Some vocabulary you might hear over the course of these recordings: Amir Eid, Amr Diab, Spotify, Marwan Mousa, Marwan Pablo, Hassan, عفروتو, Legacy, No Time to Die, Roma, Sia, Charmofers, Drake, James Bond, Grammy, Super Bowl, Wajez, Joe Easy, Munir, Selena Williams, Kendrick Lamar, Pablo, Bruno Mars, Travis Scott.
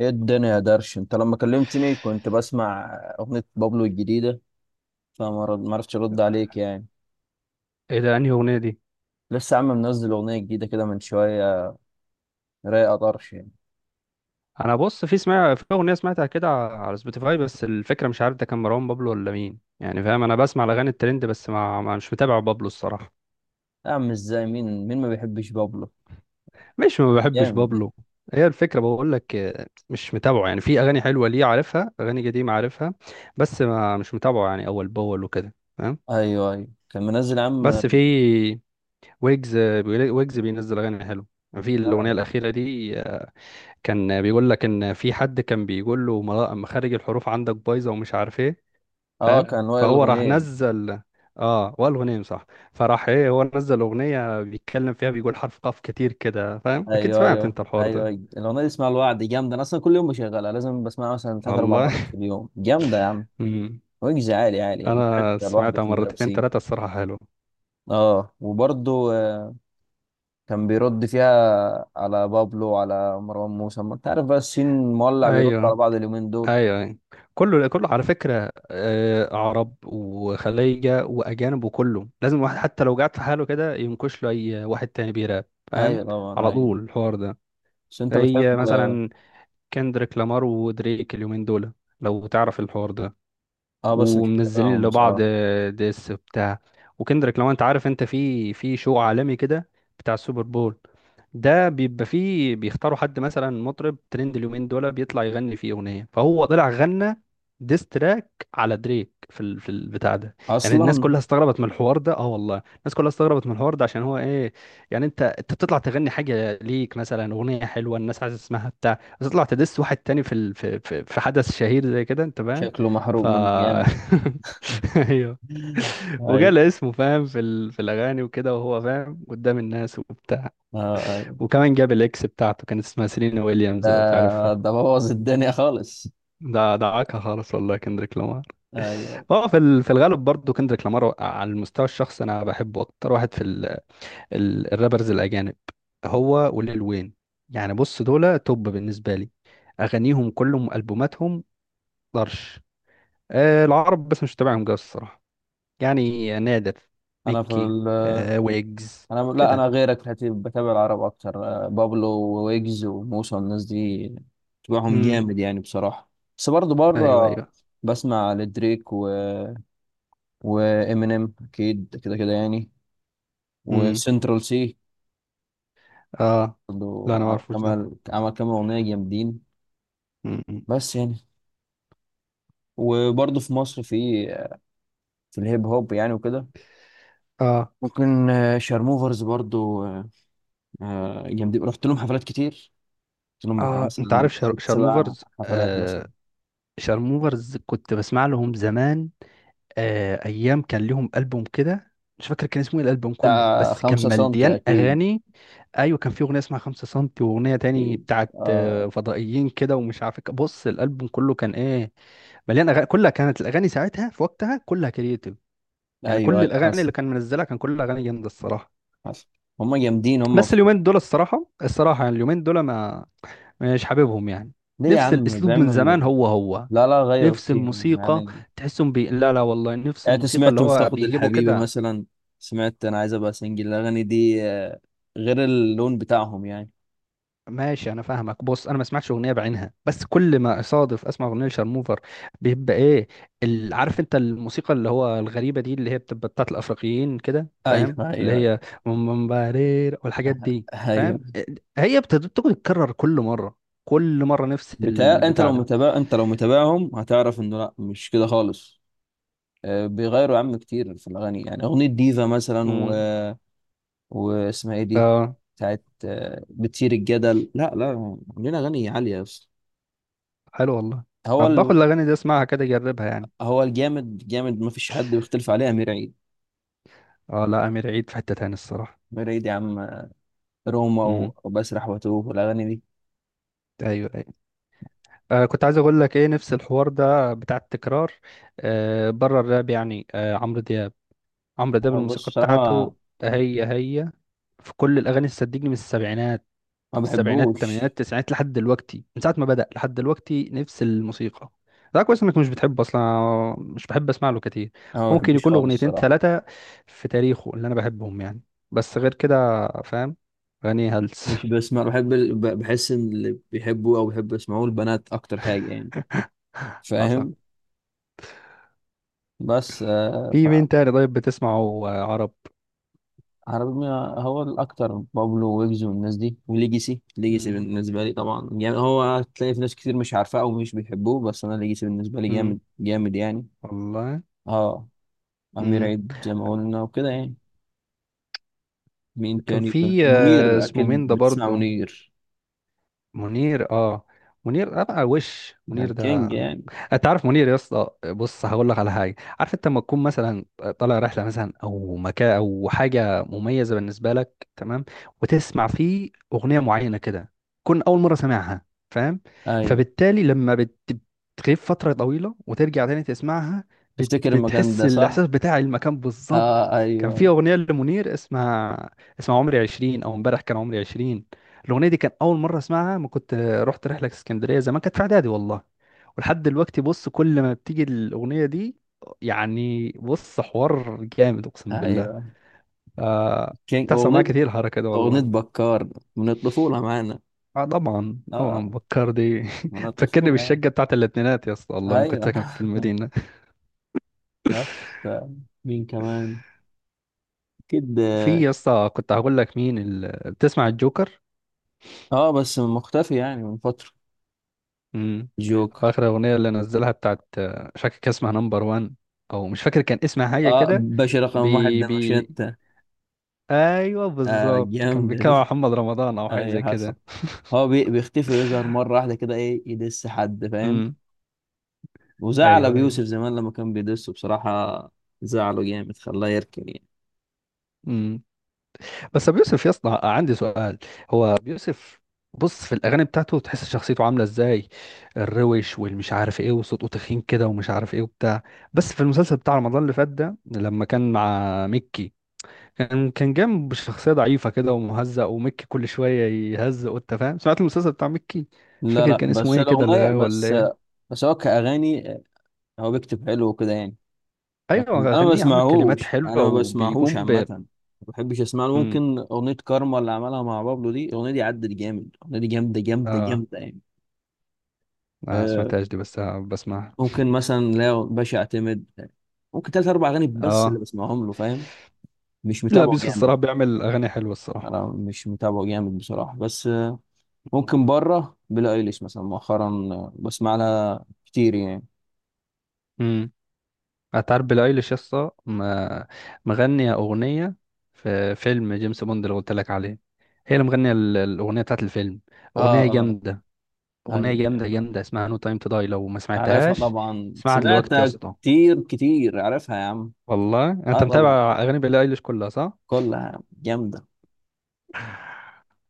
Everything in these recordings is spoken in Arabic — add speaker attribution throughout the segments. Speaker 1: ايه الدنيا يا درش، انت لما كلمتني كنت بسمع اغنية بابلو الجديدة، ما عرفتش ارد عليك يعني.
Speaker 2: ايه ده؟ انهي اغنيه دي؟
Speaker 1: لسه يا عم منزل اغنية جديدة كده من شوية، رايقة طرش يعني.
Speaker 2: انا بص، في سمع في اغنيه سمعتها كده على سبوتيفاي، بس الفكره مش عارف ده كان مروان بابلو ولا مين، يعني فاهم. انا بسمع الاغاني الترند بس ما... ما مش متابع بابلو الصراحه.
Speaker 1: يا عم ازاي، مين مين ما بيحبش بابلو؟
Speaker 2: مش ما بحبش
Speaker 1: جامد يعني.
Speaker 2: بابلو. هي الفكره بقول لك مش متابعه، يعني في اغاني حلوه ليه عارفها، اغاني قديمه عارفها، بس ما مش متابعه يعني اول باول وكده، فاهم.
Speaker 1: ايوه ايوه، كان منزل يا عم.
Speaker 2: بس في ويجز، ويجز بينزل اغاني حلوه. في الاغنيه الاخيره دي، كان بيقول لك ان في حد كان بيقول له مخارج الحروف عندك بايظه ومش عارف ايه،
Speaker 1: اه
Speaker 2: فاهم.
Speaker 1: كان وائل
Speaker 2: فهو راح
Speaker 1: الغنيم.
Speaker 2: نزل، اه، والغنيم، صح. فراح ايه، هو نزل اغنيه بيتكلم فيها، بيقول حرف قاف كتير كده، فاهم، اكيد
Speaker 1: ايوه
Speaker 2: سمعت
Speaker 1: ايوه
Speaker 2: انت الحوار
Speaker 1: ايوه
Speaker 2: ده.
Speaker 1: ايوه. الاغنية دي اسمها الوعد، جامدة، انا اصلا كل يوم بشغلها لازم بسمعها مثلا ثلاث اربع
Speaker 2: والله.
Speaker 1: مرات في اليوم، جامدة يا عم.
Speaker 2: امم
Speaker 1: ويجز عالي عالي يعني
Speaker 2: انا
Speaker 1: حتى لوحده
Speaker 2: سمعتها
Speaker 1: في
Speaker 2: مرتين
Speaker 1: المدرسين.
Speaker 2: ثلاثه الصراحه، حلو.
Speaker 1: اه وبرضه كان بيرد فيها على بابلو وعلى مروان موسى، ما انت عارف بقى السين مولع بيرد على
Speaker 2: ايوه
Speaker 1: بعض اليومين دول.
Speaker 2: ايوه أيوة. كله كله على فكره، عرب وخليجه واجانب، وكله لازم واحد حتى لو قعد في حاله كده ينكش له اي واحد تاني بيراب، فاهم.
Speaker 1: ايوه طبعا
Speaker 2: على طول
Speaker 1: ايوه.
Speaker 2: الحوار ده.
Speaker 1: بس انت
Speaker 2: هي
Speaker 1: بتحب، اه.
Speaker 2: مثلا كندريك لامار ودريك اليومين دول، لو تعرف الحوار ده،
Speaker 1: آه، بس مش
Speaker 2: ومنزلين
Speaker 1: بتابعهم
Speaker 2: لبعض
Speaker 1: بصراحة.
Speaker 2: ديس بتاع. وكندريك، لو انت عارف، انت في شو عالمي كده، بتاع السوبر بول ده، بيبقى فيه بيختاروا حد مثلا مطرب ترند اليومين دول بيطلع يغني فيه اغنيه، فهو طلع غنى ديس تراك على دريك في في البتاع ده. يعني الناس
Speaker 1: اصلا
Speaker 2: كلها استغربت من الحوار ده، اه والله الناس كلها استغربت من الحوار ده، عشان هو ايه، يعني انت بتطلع تغني حاجه ليك مثلا اغنيه حلوه الناس عايزه تسمعها بتاع، بس تطلع تدس واحد تاني في ال... في في في حدث شهير زي كده، انت فاهم.
Speaker 1: شكله محروق
Speaker 2: ف
Speaker 1: من جامد.
Speaker 2: ايوه.
Speaker 1: ايوه.
Speaker 2: وجال اسمه فاهم في في الاغاني وكده، وهو فاهم قدام الناس وبتاع.
Speaker 1: اه ايوه.
Speaker 2: وكمان جاب الاكس بتاعته كانت اسمها سيلينا
Speaker 1: ده
Speaker 2: ويليامز، لو تعرفها.
Speaker 1: ده بوظ الدنيا خالص.
Speaker 2: ده دعاكها خالص والله، كندريك لامار.
Speaker 1: ايوه.
Speaker 2: هو في في الغالب برضه، كندريك لامار على المستوى الشخصي انا بحبه اكتر واحد في الرابرز الاجانب، هو وليل وين. يعني بص، دول توب بالنسبه لي، اغانيهم كلهم البوماتهم طرش. العرب بس مش تابعهم جوي الصراحه، يعني نادر،
Speaker 1: انا في
Speaker 2: ميكي.
Speaker 1: ال...
Speaker 2: ويجز.
Speaker 1: انا، لا،
Speaker 2: كده.
Speaker 1: انا غيرك في الحته دي، بتابع العرب اكتر، آه، بابلو وويجز وموسى والناس دي، بتابعهم
Speaker 2: امم
Speaker 1: جامد يعني بصراحة. بس برضه
Speaker 2: ايوه
Speaker 1: بره
Speaker 2: ايوه.
Speaker 1: بسمع لدريك و وامينيم، اكيد كده كده يعني.
Speaker 2: امم
Speaker 1: وسنترال سي
Speaker 2: اه،
Speaker 1: برضه.
Speaker 2: لا انا ما اعرفوش ده.
Speaker 1: عمل كام اغنيه جامدين.
Speaker 2: امم.
Speaker 1: بس يعني. وبرضه في مصر، في الهيب هوب يعني وكده،
Speaker 2: اه
Speaker 1: ممكن آه، شارموفرز برضه آه، آه، جامدين، رحت لهم حفلات كتير. رحت لهم بتاع
Speaker 2: اه، انت
Speaker 1: مثلا
Speaker 2: عارف
Speaker 1: ست سبع
Speaker 2: شارموفرز،
Speaker 1: حفلات مثلا.
Speaker 2: آه. شارموفرز كنت بسمع لهم زمان، آه، ايام كان لهم البوم كده، مش فاكر كان اسمه ايه الالبوم كله،
Speaker 1: بتاع
Speaker 2: بس كان
Speaker 1: خمسة سنتي
Speaker 2: مليان
Speaker 1: أكيد.
Speaker 2: اغاني. ايوه، كان في اغنيه اسمها خمسة سنتي، واغنيه تاني
Speaker 1: أكيد.
Speaker 2: بتاعت
Speaker 1: آه.
Speaker 2: فضائيين كده ومش عارف إيه. بص، الالبوم كله كان ايه مليان اغاني، كلها كانت الاغاني ساعتها في وقتها كلها كرييتيف، يعني
Speaker 1: أيوه
Speaker 2: كل
Speaker 1: أيوه
Speaker 2: الاغاني
Speaker 1: حسن.
Speaker 2: اللي كان منزلها كان كل اغاني جامده الصراحه.
Speaker 1: حسن. هما جامدين،
Speaker 2: بس اليومين دول الصراحه الصراحه، يعني اليومين دول ما مش حاببهم يعني،
Speaker 1: ليه يا
Speaker 2: نفس
Speaker 1: عم
Speaker 2: الاسلوب من زمان
Speaker 1: بيعملوا؟
Speaker 2: هو هو،
Speaker 1: لا لا، غيروا
Speaker 2: نفس
Speaker 1: كتير
Speaker 2: الموسيقى.
Speaker 1: يعني،
Speaker 2: لا لا والله، نفس
Speaker 1: يعني انت
Speaker 2: الموسيقى اللي
Speaker 1: سمعت
Speaker 2: هو
Speaker 1: مفتقد
Speaker 2: بيجيبوا
Speaker 1: الحبيبة
Speaker 2: كده.
Speaker 1: مثلا؟ سمعت انا عايز ابقى سنجل، الاغاني دي آه، غير اللون بتاعهم يعني.
Speaker 2: ماشي، انا فاهمك. بص، انا ما سمعتش اغنيه بعينها بس كل ما اصادف اسمع اغنيه لشارموفر بيبقى ايه عارف انت الموسيقى اللي هو الغريبه دي اللي هي بتبقى بتاعت الافريقيين كده،
Speaker 1: ايوه
Speaker 2: فاهم، اللي
Speaker 1: ايوه
Speaker 2: هي ممبارير والحاجات دي،
Speaker 1: ايوه.
Speaker 2: فاهم، هي بتقعد تتكرر كل مره، كل مره نفس
Speaker 1: بتاع،
Speaker 2: البتاع ده.
Speaker 1: انت لو متابعهم هتعرف انه لا مش كده خالص. آه، بيغيروا يا عم كتير في الاغاني يعني، اغنية ديفا مثلا
Speaker 2: امم.
Speaker 1: واسمها ايه دي،
Speaker 2: اه،
Speaker 1: بتاعت آه، بتثير الجدل، لا لا، عاملين اغاني عالية اصلا.
Speaker 2: حلو والله.
Speaker 1: هو
Speaker 2: طب باخد
Speaker 1: ال...
Speaker 2: الاغاني دي اسمعها كده اجربها يعني.
Speaker 1: هو الجامد جامد ما فيش حد بيختلف عليه، امير عيد.
Speaker 2: اه، لا، امير عيد في حته تاني الصراحه.
Speaker 1: امير عيد يا عم آه، روما
Speaker 2: امم.
Speaker 1: وبسرح واتوه والاغاني دي.
Speaker 2: ايوه أيوة. كنت عايز اقول لك ايه، نفس الحوار ده بتاع التكرار، بره الراب يعني، عمرو دياب. عمرو دياب
Speaker 1: أو بص
Speaker 2: الموسيقى
Speaker 1: بصراحة،
Speaker 2: بتاعته هي هي في كل الاغاني، صدقني، من السبعينات،
Speaker 1: ما
Speaker 2: السبعينات الثمانينات
Speaker 1: بحبوش.
Speaker 2: التسعينات لحد دلوقتي، من ساعه ما بدأ لحد دلوقتي نفس الموسيقى. ده كويس انك مش بتحبه اصلا، أنا مش بحب اسمع له كتير،
Speaker 1: أنا ما
Speaker 2: ممكن
Speaker 1: بحبوش
Speaker 2: يكون
Speaker 1: خالص
Speaker 2: اغنيتين
Speaker 1: الصراحة.
Speaker 2: ثلاثه في تاريخه اللي انا بحبهم يعني، بس غير كده فاهم، اغاني هلس.
Speaker 1: مش بسمع، بحب بحس إن اللي بيحبوه أو بيحبوا يسمعوه البنات أكتر حاجة يعني،
Speaker 2: حصل.
Speaker 1: فاهم. بس آه.
Speaker 2: في مين تاني طيب بتسمعه، عرب؟
Speaker 1: فعربي، هو الأكتر بابلو ويجز والناس دي وليجيسي. ليجيسي بالنسبة لي طبعا جامد، هو هتلاقي في ناس كتير مش عارفاه أو مش بيحبوه، بس أنا ليجيسي بالنسبة لي
Speaker 2: مم.
Speaker 1: جامد جامد يعني.
Speaker 2: والله.
Speaker 1: أه. أمير
Speaker 2: امم
Speaker 1: عيد زي ما قلنا وكده يعني. مين
Speaker 2: كان
Speaker 1: تاني؟ في
Speaker 2: في
Speaker 1: منير
Speaker 2: اسمه
Speaker 1: أكيد،
Speaker 2: مين ده
Speaker 1: بتسمع
Speaker 2: برضه،
Speaker 1: منير؟
Speaker 2: منير، اه، منير ابقى وش.
Speaker 1: ده
Speaker 2: منير ده،
Speaker 1: الكينج يعني.
Speaker 2: انت عارف منير يا اسطى؟ بص هقول لك على حاجه، عارف انت لما تكون مثلا طالع رحله مثلا او مكان او حاجه مميزه بالنسبه لك، تمام، وتسمع فيه اغنيه معينه كده، تكون اول مره سامعها، فاهم،
Speaker 1: أيوة.
Speaker 2: فبالتالي لما بتغيب فتره طويله وترجع تاني تسمعها
Speaker 1: تفتكر المكان
Speaker 2: بتحس
Speaker 1: ده صح؟
Speaker 2: الاحساس بتاع المكان بالظبط.
Speaker 1: اه
Speaker 2: كان في
Speaker 1: ايوه
Speaker 2: اغنيه لمنير اسمها، عمري 20، او امبارح كان عمري 20، الاغنيه دي كان اول مره اسمعها ما كنت رحت رحله اسكندريه زمان، كانت في اعدادي والله، ولحد دلوقتي بص كل ما بتيجي الاغنيه دي، يعني بص، حوار جامد اقسم بالله.
Speaker 1: ايوه.
Speaker 2: آه
Speaker 1: كينج.
Speaker 2: بتحصل معايا
Speaker 1: اغنية،
Speaker 2: كتير الحركه دي
Speaker 1: اغنية
Speaker 2: والله.
Speaker 1: بكار، من الطفولة معانا.
Speaker 2: اه طبعا
Speaker 1: اه
Speaker 2: طبعا، بكار دي
Speaker 1: من
Speaker 2: تفكرني
Speaker 1: الطفولة
Speaker 2: بالشقه
Speaker 1: يعني.
Speaker 2: بتاعت الاتنينات يا اسطى، والله ما كنت
Speaker 1: ايوه.
Speaker 2: ساكن في المدينه.
Speaker 1: بس آه، مين كمان؟ اكيد
Speaker 2: في
Speaker 1: اه.
Speaker 2: يا اسطى كنت هقول لك مين بتسمع الجوكر؟
Speaker 1: آه، بس مختفي يعني من فترة.
Speaker 2: امم.
Speaker 1: جوكر.
Speaker 2: اخر اغنيه اللي نزلها بتاعت، مش فاكر كان اسمها نمبر 1، او مش فاكر كان اسمها حاجه
Speaker 1: اه،
Speaker 2: كده،
Speaker 1: باشا رقم واحد،
Speaker 2: بي
Speaker 1: ده مش
Speaker 2: بي.
Speaker 1: انت؟
Speaker 2: ايوه
Speaker 1: اه
Speaker 2: بالظبط، كان
Speaker 1: جامدة
Speaker 2: بيتكلم عن
Speaker 1: دي.
Speaker 2: محمد رمضان او حاجه
Speaker 1: ايوه
Speaker 2: زي
Speaker 1: حصل.
Speaker 2: كده.
Speaker 1: هو بيختفي ويظهر مرة واحدة كده، ايه، يدس حد، فاهم.
Speaker 2: امم
Speaker 1: وزعل
Speaker 2: ايوه
Speaker 1: ابو
Speaker 2: ايوه.
Speaker 1: يوسف زمان لما كان بيدسه بصراحة. زعله جامد، خلاه يركن يعني.
Speaker 2: امم. بس ابو يوسف يا اسطى، عندي سؤال، هو ابو يوسف، بص، في الاغاني بتاعته تحس شخصيته عامله ازاي، الروش والمش عارف ايه وصوته تخين كده ومش عارف ايه وبتاع، بس في المسلسل بتاع رمضان اللي فات ده لما كان مع ميكي، كان جنب بشخصيه ضعيفه كده ومهزأ، وميكي كل شويه يهزق، وانت فاهم، سمعت المسلسل بتاع ميكي؟ مش
Speaker 1: لا
Speaker 2: فاكر
Speaker 1: لا،
Speaker 2: كان اسمه
Speaker 1: بس
Speaker 2: ايه كده،
Speaker 1: الأغنية
Speaker 2: الغاوي ولا
Speaker 1: بس.
Speaker 2: ايه.
Speaker 1: بس هو كأغاني، هو بيكتب حلو وكده يعني، لكن
Speaker 2: ايوه،
Speaker 1: أنا ما
Speaker 2: اغانيه يا عم الكلمات
Speaker 1: بسمعهوش.
Speaker 2: حلوه
Speaker 1: أنا ما بسمعهوش
Speaker 2: وبيقوم.
Speaker 1: عامة، ما بحبش أسمع له.
Speaker 2: امم
Speaker 1: ممكن أغنية كارما اللي عملها مع بابلو، دي الأغنية دي عدت جامد، الأغنية دي جامدة جامدة
Speaker 2: اه،
Speaker 1: جامدة يعني.
Speaker 2: ما
Speaker 1: أه.
Speaker 2: سمعتهاش دي بس بسمعها.
Speaker 1: ممكن مثلا، لا، باشا أعتمد ممكن تلات أربع أغاني بس اللي
Speaker 2: اه،
Speaker 1: بسمعهم له، فاهم. مش
Speaker 2: لا،
Speaker 1: متابعه
Speaker 2: بيوسف
Speaker 1: جامد.
Speaker 2: الصراحه بيعمل اغاني حلوه الصراحه.
Speaker 1: أنا مش متابعه جامد بصراحة، بس آه، ممكن بره بيلي أيليش مثلا مؤخرا آه، بسمع لها كتير يعني.
Speaker 2: امم. هتعرف بيلي ايليش يا اسطى، مغنيه اغنيه في فيلم جيمس بوند اللي قلت لك عليه، هي اللي مغنيه الاغنيه بتاعت الفيلم،
Speaker 1: اه
Speaker 2: اغنيه
Speaker 1: اه
Speaker 2: جامده، اغنيه
Speaker 1: ايوه
Speaker 2: جامده جامده اسمها نو تايم تو داي، لو ما
Speaker 1: عارفها
Speaker 2: سمعتهاش
Speaker 1: طبعا،
Speaker 2: اسمعها دلوقتي يا
Speaker 1: سمعتها
Speaker 2: اسطى.
Speaker 1: كتير كتير، عارفها يا عم.
Speaker 2: والله انت
Speaker 1: اه طبعا.
Speaker 2: متابع اغاني بيلي ايليش كلها صح؟
Speaker 1: كلها جامدة.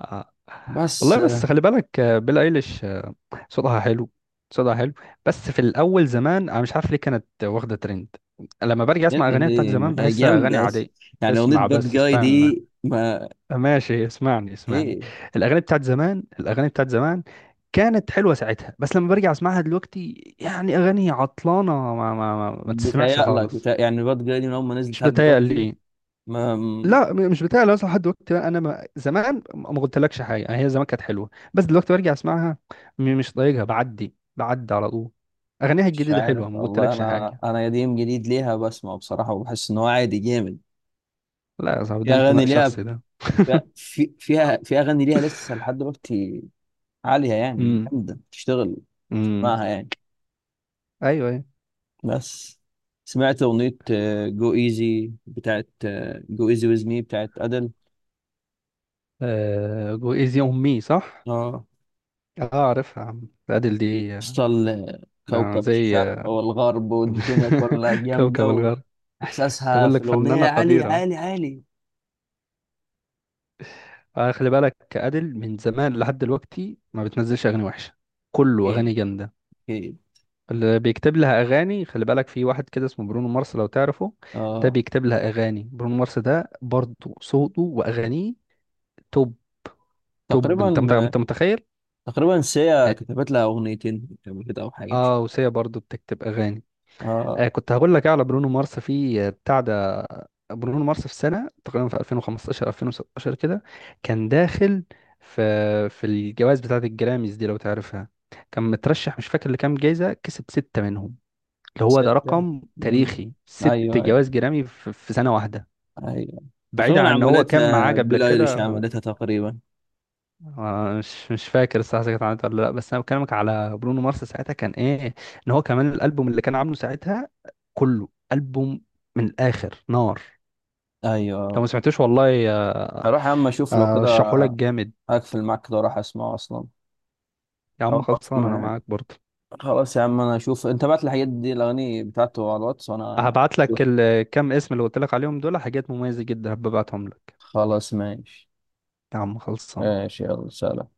Speaker 2: آه.
Speaker 1: بس
Speaker 2: والله، بس
Speaker 1: آه.
Speaker 2: خلي بالك، بيلي ايليش، صوتها حلو، صوتها حلو، بس في الاول زمان انا مش عارف ليه كانت واخده ترند، لما برجع اسمع
Speaker 1: اللي
Speaker 2: اغانيها بتاعت
Speaker 1: ليه، ما
Speaker 2: زمان
Speaker 1: هي
Speaker 2: بحسها اغاني
Speaker 1: جامدة،
Speaker 2: عاديه.
Speaker 1: يعني أغنية
Speaker 2: اسمع
Speaker 1: باد
Speaker 2: بس
Speaker 1: جاي
Speaker 2: استنى،
Speaker 1: دي ما.
Speaker 2: ماشي، اسمعني اسمعني،
Speaker 1: ايه،
Speaker 2: الاغاني بتاعت زمان، الاغاني بتاعت زمان كانت حلوه ساعتها، بس لما برجع اسمعها دلوقتي، يعني اغاني عطلانه ما تسمعش
Speaker 1: بتهيألك
Speaker 2: خالص.
Speaker 1: بتهيأ يعني؟ باد جاي دي من أول ما نزلت
Speaker 2: مش
Speaker 1: لحد
Speaker 2: بتهيأ
Speaker 1: دلوقتي
Speaker 2: لي،
Speaker 1: ما م-
Speaker 2: لا، مش بتاع، لو اصلا لحد دلوقتي بقى انا ما زمان ما قلتلكش حاجه، يعني هي زمان كانت حلوه بس دلوقتي برجع اسمعها مش طايقها، بعدي بعدي على طول، اغانيها
Speaker 1: مش
Speaker 2: الجديده
Speaker 1: عارف
Speaker 2: حلوه ما
Speaker 1: والله،
Speaker 2: قلتلكش
Speaker 1: أنا
Speaker 2: حاجه.
Speaker 1: أنا قديم جديد ليها بسمع بصراحة وبحس إن هو عادي جامد.
Speaker 2: لا يا صاحبي،
Speaker 1: في
Speaker 2: ده
Speaker 1: أغاني
Speaker 2: انتماء
Speaker 1: ليها،
Speaker 2: شخصي ده.
Speaker 1: في أغاني ليها لسه لحد دلوقتي عالية يعني،
Speaker 2: امم
Speaker 1: جامدة تشتغل
Speaker 2: امم.
Speaker 1: معاها يعني.
Speaker 2: ايوه ايوه.
Speaker 1: بس سمعت أغنية، جو ايزي بتاعت جو ايزي ويز مي بتاعت أدل.
Speaker 2: جو ايزي اون مي، صح.
Speaker 1: اه،
Speaker 2: اه عارفها يا عم، ادل دي،
Speaker 1: وصل
Speaker 2: ده
Speaker 1: كوكب
Speaker 2: زي،
Speaker 1: الشرق والغرب والدنيا كلها،
Speaker 2: كوكب
Speaker 1: جامدة.
Speaker 2: الغرب،
Speaker 1: وإحساسها
Speaker 2: تقول
Speaker 1: في
Speaker 2: لك
Speaker 1: الأغنية
Speaker 2: فنانه
Speaker 1: عالي
Speaker 2: قديره.
Speaker 1: عالي عالي.
Speaker 2: خلي بالك ادل من زمان لحد دلوقتي ما بتنزلش اغاني وحشه، كله
Speaker 1: أكيد.
Speaker 2: اغاني جامده.
Speaker 1: أكيد.
Speaker 2: اللي بيكتب لها اغاني، خلي بالك، في واحد كده اسمه برونو مارس، لو تعرفه، ده
Speaker 1: اه
Speaker 2: بيكتب لها اغاني، برونو مارس ده برضه صوته واغانيه توب، توب،
Speaker 1: تقريبا.
Speaker 2: انت متخيل.
Speaker 1: تقريبا سيا
Speaker 2: اه.
Speaker 1: كتبت لها أغنيتين قبل كده أو حاجة، مش فاكر.
Speaker 2: وسيا برضه بتكتب اغاني.
Speaker 1: اه.
Speaker 2: كنت هقول لك إيه على برونو مارس في بتاع ده، برونو مارس في سنه تقريبا، في 2015 2016 كده، كان داخل في الجوائز بتاعه الجراميز دي، لو تعرفها، كان مترشح مش فاكر لكام جايزه، كسب سته منهم، اللي هو ده
Speaker 1: ستة.
Speaker 2: رقم
Speaker 1: أمم.
Speaker 2: تاريخي، ست
Speaker 1: أيوه أيوه.
Speaker 2: جوائز جرامي في سنة واحدة،
Speaker 1: أيوه.
Speaker 2: بعيدا
Speaker 1: تقريبا
Speaker 2: عن ان هو كان معاه
Speaker 1: عملتها
Speaker 2: قبل
Speaker 1: بيلي ايليش،
Speaker 2: كده
Speaker 1: عملتها تقريبا.
Speaker 2: مش فاكر الصراحة إذا كانت عملت ولا لا، بس انا بكلمك على برونو مارس ساعتها، كان ايه ان هو كمان الالبوم اللي كان عامله ساعتها كله البوم، من الاخر نار، لو ما
Speaker 1: أيوه.
Speaker 2: سمعتوش والله،
Speaker 1: هروح يا عم اشوف لو كده.
Speaker 2: رشحه لك جامد.
Speaker 1: هقفل معاك كده واروح اسمعه اصلا.
Speaker 2: يا
Speaker 1: او
Speaker 2: عم
Speaker 1: أقفل
Speaker 2: خلصان، انا
Speaker 1: معاك.
Speaker 2: معاك برضه،
Speaker 1: خلاص يا عم، انا اشوف انت بعت الحاجات دي، الاغاني بتاعته على الواتس، وانا
Speaker 2: هبعت لك
Speaker 1: اشوف.
Speaker 2: الكام اسم اللي قلت لك عليهم دول، حاجات مميزة جدا، هبعتهم لك.
Speaker 1: خلاص ماشي.
Speaker 2: يا عم خلصان.
Speaker 1: ماشي يلا سلام.